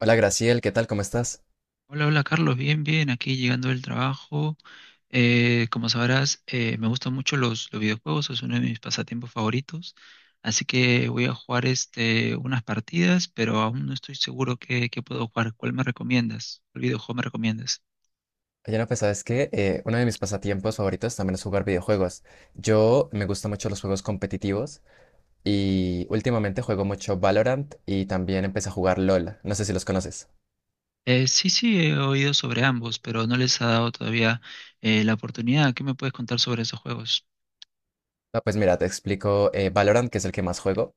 Hola Graciel, ¿qué tal? ¿Cómo estás? Hola, hola Carlos, bien, bien, aquí llegando del trabajo. Como sabrás, me gustan mucho los videojuegos, es uno de mis pasatiempos favoritos, así que voy a jugar unas partidas, pero aún no estoy seguro qué puedo jugar. ¿Cuál me recomiendas? ¿Cuál videojuego me recomiendas? Oye, no, pues sabes que uno de mis pasatiempos favoritos también es jugar videojuegos. Yo me gustan mucho los juegos competitivos y últimamente juego mucho Valorant y también empecé a jugar LOL. No sé si los conoces. Sí, sí, he oído sobre ambos, pero no les ha dado todavía la oportunidad. ¿Qué me puedes contar sobre esos juegos? No, pues mira, te explico. Valorant, que es el que más juego,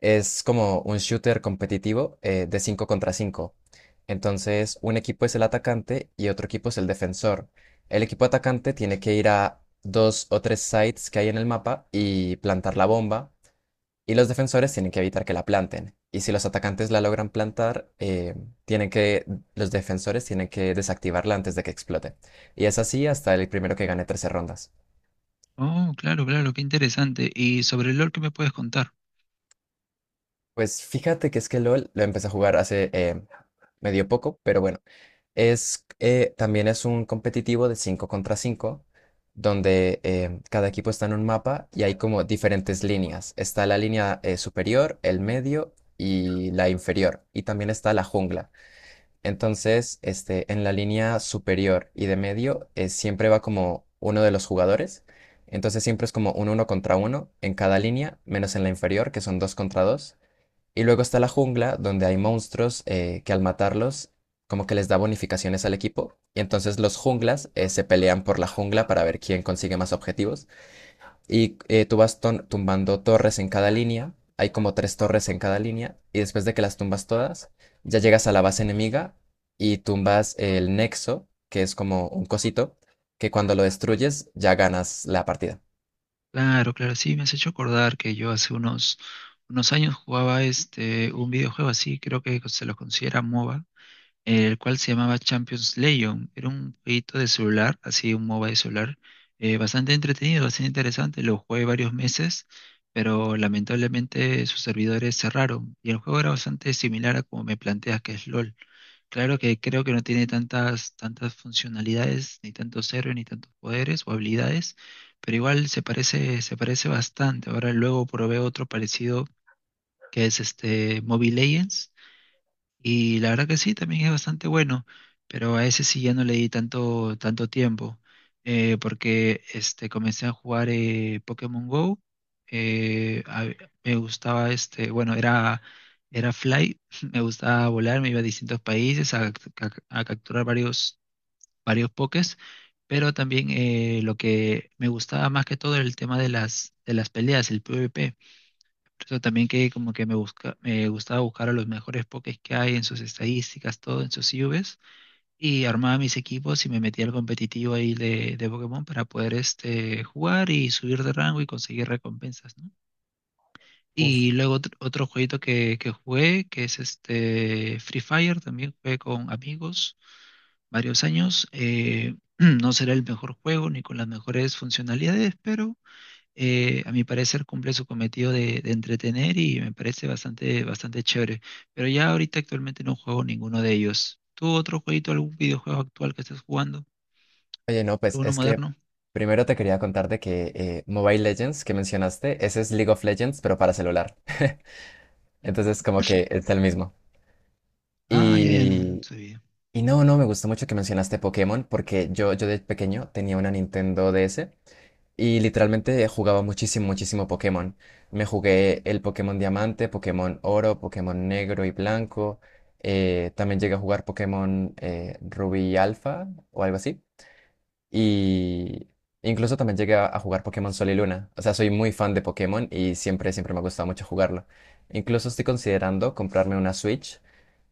es como un shooter competitivo de 5 contra 5. Entonces, un equipo es el atacante y otro equipo es el defensor. El equipo atacante tiene que ir a dos o tres sites que hay en el mapa y plantar la bomba. Y los defensores tienen que evitar que la planten. Y si los atacantes la logran plantar, tienen que, los defensores tienen que desactivarla antes de que explote. Y es así hasta el primero que gane 13 rondas. Oh, claro, claro, qué interesante. ¿Y sobre el LoL qué me puedes contar? Pues fíjate que es que LOL lo empecé a jugar hace medio poco, pero bueno. Es, también es un competitivo de 5 contra 5 donde cada equipo está en un mapa y hay como diferentes líneas. Está la línea superior, el medio y la inferior. Y también está la jungla. Entonces, este, en la línea superior y de medio siempre va como uno de los jugadores. Entonces siempre es como un uno contra uno en cada línea, menos en la inferior, que son dos contra dos. Y luego está la jungla, donde hay monstruos que al matarlos, como que les da bonificaciones al equipo. Y entonces los junglas se pelean por la jungla para ver quién consigue más objetivos. Y tú vas tumbando torres en cada línea. Hay como tres torres en cada línea. Y después de que las tumbas todas, ya llegas a la base enemiga y tumbas el nexo, que es como un cosito, que cuando lo destruyes ya ganas la partida. Claro, claro, sí, me has hecho acordar que yo hace unos años jugaba un videojuego así, creo que se lo considera MOBA, el cual se llamaba Champions Legion. Era un jueguito de celular, así un MOBA de celular, bastante entretenido, bastante interesante. Lo jugué varios meses, pero lamentablemente sus servidores cerraron y el juego era bastante similar a como me planteas que es LOL. Claro que creo que no tiene tantas funcionalidades, ni tantos héroes, ni tantos poderes o habilidades, pero igual se parece bastante. Ahora luego probé otro parecido que es este Mobile Legends. Y la verdad que sí, también es bastante bueno, pero a ese sí ya no le di tanto tiempo, porque comencé a jugar Pokémon Go. eh, a- Me gustaba, bueno, era Fly, me gustaba volar, me iba a distintos países a capturar varios Pokés, pero también lo que me gustaba más que todo era el tema de de las peleas, el PvP. Por eso también que como que me gustaba buscar a los mejores pokés que hay en sus estadísticas, todo en sus IVs, y armaba mis equipos y me metía al competitivo ahí de Pokémon para poder jugar y subir de rango y conseguir recompensas, ¿no? Uf. Y luego otro jueguito que jugué, que es este Free Fire, también jugué con amigos varios años. No será el mejor juego ni con las mejores funcionalidades, pero a mi parecer cumple su cometido de entretener y me parece bastante, bastante chévere. Pero ya ahorita actualmente no juego ninguno de ellos. ¿Tú otro jueguito, algún videojuego actual que estés jugando? Oye, no, pues ¿Alguno es que moderno? primero te quería contar de que Mobile Legends que mencionaste, ese es League of Legends, pero para celular. Entonces, Ujú. como que es el mismo. Ah, ya, ya no Y, sabía. y no, no, me gustó mucho que mencionaste Pokémon, porque yo de pequeño tenía una Nintendo DS. Y literalmente jugaba muchísimo, muchísimo Pokémon. Me jugué el Pokémon Diamante, Pokémon Oro, Pokémon Negro y Blanco. También llegué a jugar Pokémon Rubí y Alfa o algo así. Y incluso también llegué a jugar Pokémon Sol y Luna. O sea, soy muy fan de Pokémon y siempre, siempre me ha gustado mucho jugarlo. Incluso estoy considerando comprarme una Switch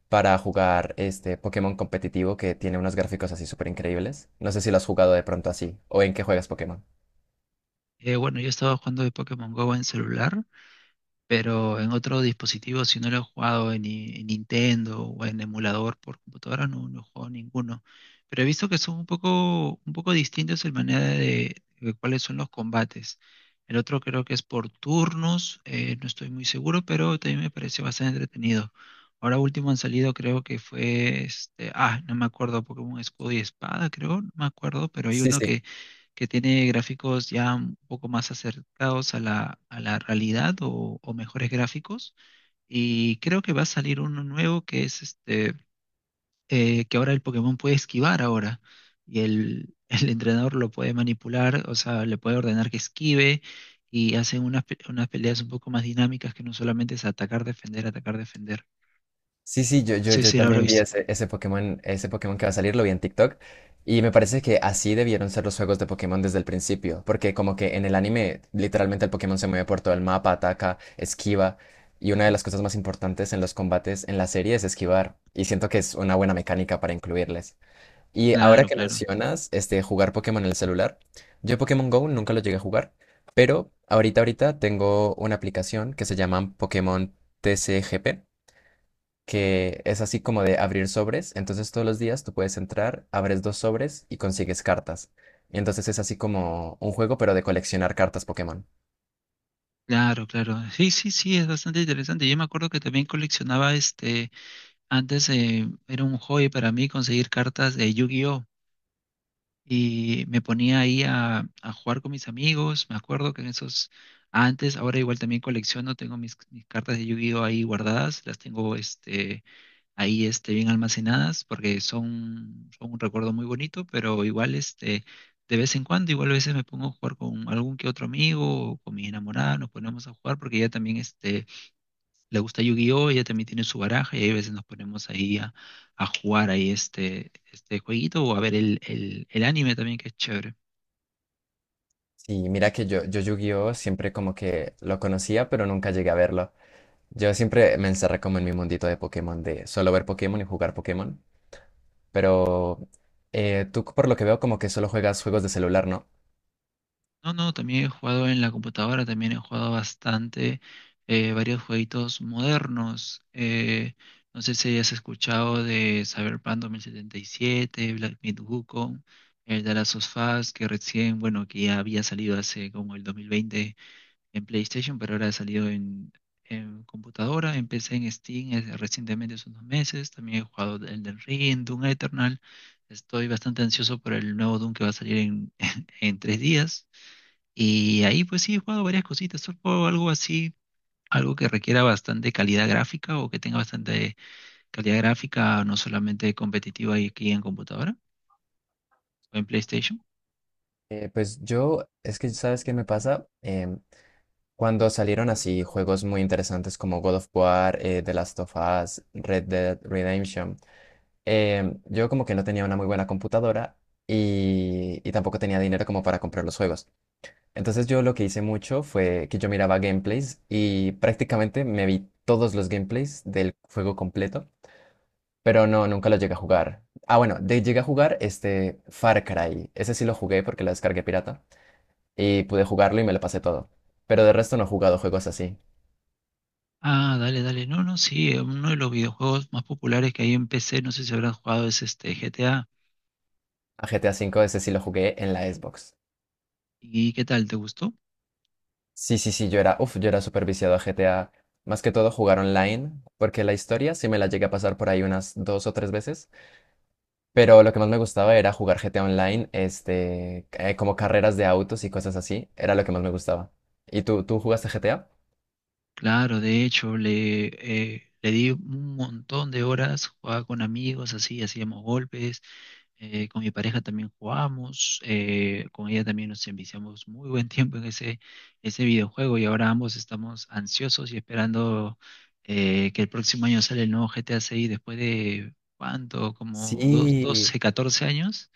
para jugar este Pokémon competitivo que tiene unos gráficos así súper increíbles. No sé si lo has jugado de pronto así o en qué juegas Pokémon. Bueno, yo estaba jugando de Pokémon Go en celular, pero en otro dispositivo, si no lo he jugado en, ni- en Nintendo o en emulador por computadora, no, no he jugado ninguno. Pero he visto que son un poco distintos en manera de cuáles son los combates. El otro creo que es por turnos, no estoy muy seguro, pero también me pareció bastante entretenido. Ahora último han salido, creo que fue no me acuerdo, Pokémon Escudo y Espada, creo, no me acuerdo, pero hay Sí, uno sí. Que tiene gráficos ya un poco más acercados a a la realidad o mejores gráficos. Y creo que va a salir uno nuevo que es que ahora el Pokémon puede esquivar ahora. Y el, el entrenador lo puede manipular, o sea, le puede ordenar que esquive. Y hacen unas peleas un poco más dinámicas que no solamente es atacar, defender, atacar, defender. Sí, sí, yo, yo, Sí, yo sí, lo habrá también vi visto. ese, ese Pokémon que va a salir, lo vi en TikTok, y me parece que así debieron ser los juegos de Pokémon desde el principio, porque como que en el anime literalmente el Pokémon se mueve por todo el mapa, ataca, esquiva, y una de las cosas más importantes en los combates en la serie es esquivar, y siento que es una buena mecánica para incluirles. Y ahora Claro, que claro. mencionas, este, jugar Pokémon en el celular, yo Pokémon Go nunca lo llegué a jugar, pero ahorita tengo una aplicación que se llama Pokémon TCGP, que es así como de abrir sobres. Entonces todos los días tú puedes entrar, abres dos sobres y consigues cartas. Y entonces es así como un juego, pero de coleccionar cartas Pokémon. Claro, claro. Sí, sí, sí, es bastante interesante. Yo me acuerdo que también coleccionaba. Antes era un hobby para mí conseguir cartas de Yu-Gi-Oh! Y me ponía ahí a jugar con mis amigos. Me acuerdo que en esos antes, ahora igual también colecciono, tengo mis cartas de Yu-Gi-Oh! Ahí guardadas, las tengo ahí bien almacenadas porque son un recuerdo muy bonito, pero igual de vez en cuando, igual a veces me pongo a jugar con algún que otro amigo o con mi enamorada, nos ponemos a jugar porque ya también le gusta Yu-Gi-Oh! Ella también tiene su baraja y a veces nos ponemos ahí a jugar ahí este jueguito o a ver el anime también que es chévere. Y mira que yo Yu-Gi-Oh siempre como que lo conocía, pero nunca llegué a verlo. Yo siempre me encerré como en mi mundito de Pokémon, de solo ver Pokémon y jugar Pokémon. Pero tú por lo que veo como que solo juegas juegos de celular, ¿no? No, no, también he jugado en la computadora, también he jugado bastante varios jueguitos modernos. No sé si hayas escuchado de Cyberpunk 2077, Black Myth Wukong, el de Last of Us, que recién, bueno, que ya había salido hace como el 2020 en PlayStation, pero ahora ha salido en computadora. Empecé en Steam recientemente, hace unos meses. También he jugado el del Ring, Doom Eternal. Estoy bastante ansioso por el nuevo Doom que va a salir en, en 3 días. Y ahí pues sí he jugado varias cositas. Solo juego algo así, algo que requiera bastante calidad gráfica o que tenga bastante calidad gráfica, no solamente competitiva y aquí en computadora o en PlayStation. Pues yo, es que ¿sabes qué me pasa? Cuando salieron así juegos muy interesantes como God of War, The Last of Us, Red Dead Redemption, yo como que no tenía una muy buena computadora y tampoco tenía dinero como para comprar los juegos. Entonces yo lo que hice mucho fue que yo miraba gameplays y prácticamente me vi todos los gameplays del juego completo, pero no, nunca lo llegué a jugar. Ah, bueno, de, llegué a jugar este Far Cry. Ese sí lo jugué porque lo descargué pirata y pude jugarlo y me lo pasé todo. Pero de resto no he jugado juegos así. Ah, dale, dale. No, no, sí, uno de los videojuegos más populares que hay en PC, no sé si habrás jugado, es este GTA. A GTA cinco ese sí lo jugué en la Xbox. ¿Y qué tal? ¿Te gustó? Sí, sí, sí, yo era, uf, yo era súper viciado a GTA. Más que todo jugar online, porque la historia sí me la llegué a pasar por ahí unas dos o tres veces. Pero lo que más me gustaba era jugar GTA Online, este, como carreras de autos y cosas así. Era lo que más me gustaba. ¿Y tú jugaste GTA? Claro, de hecho, le di un montón de horas, jugaba con amigos, así, hacíamos golpes, con mi pareja también jugamos, con ella también nos enviciamos muy buen tiempo en ese videojuego y ahora ambos estamos ansiosos y esperando que el próximo año sale el nuevo GTA 6 después de, ¿cuánto? Como dos Sí. 12, 14 años.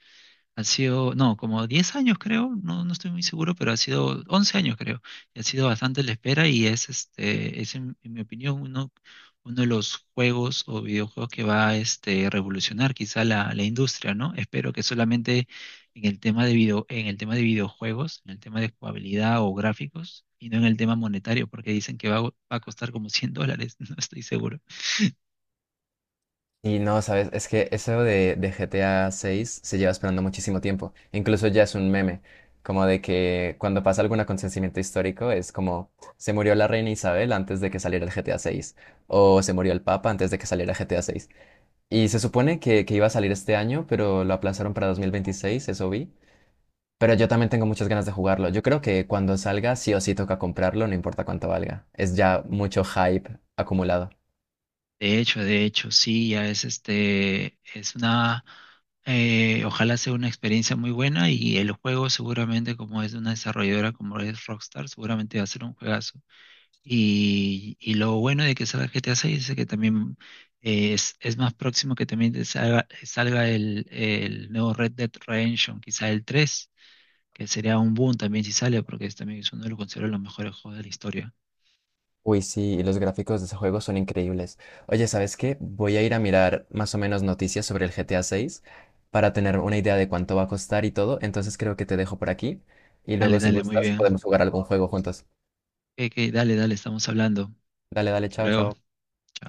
Ha sido, no, como 10 años creo, no, no estoy muy seguro, pero ha sido 11 años creo. Y ha sido bastante la espera y es en mi opinión uno de los juegos o videojuegos que va a revolucionar quizá la industria, ¿no? Espero que solamente en el tema de video, en el tema de videojuegos, en el tema de jugabilidad o gráficos, y no en el tema monetario, porque dicen que va a costar como $100, no estoy seguro. Y no, sabes, es que eso de GTA 6 se lleva esperando muchísimo tiempo. Incluso ya es un meme, como de que cuando pasa algún acontecimiento histórico es como: se murió la reina Isabel antes de que saliera el GTA 6, o se murió el Papa antes de que saliera GTA 6. Y se supone que iba a salir este año, pero lo aplazaron para 2026, eso vi. Pero yo también tengo muchas ganas de jugarlo. Yo creo que cuando salga sí o sí toca comprarlo, no importa cuánto valga. Es ya mucho hype acumulado. De hecho, sí, ya es este, es una, ojalá sea una experiencia muy buena y el juego seguramente como es de una desarrolladora como es Rockstar, seguramente va a ser un juegazo. Y lo bueno de que salga GTA 6 es que también es más próximo que también salga el nuevo Red Dead Redemption, quizá el 3 que sería un boom también si sale, porque es, también es uno de los considero los mejores juegos de la historia. Uy, sí, y los gráficos de ese juego son increíbles. Oye, ¿sabes qué? Voy a ir a mirar más o menos noticias sobre el GTA 6 para tener una idea de cuánto va a costar y todo. Entonces creo que te dejo por aquí y luego Dale, si dale, muy gustas bien. podemos jugar algún juego juntos. Ok, ok, dale, dale, estamos hablando. Dale, dale, Hasta chao, luego. chao.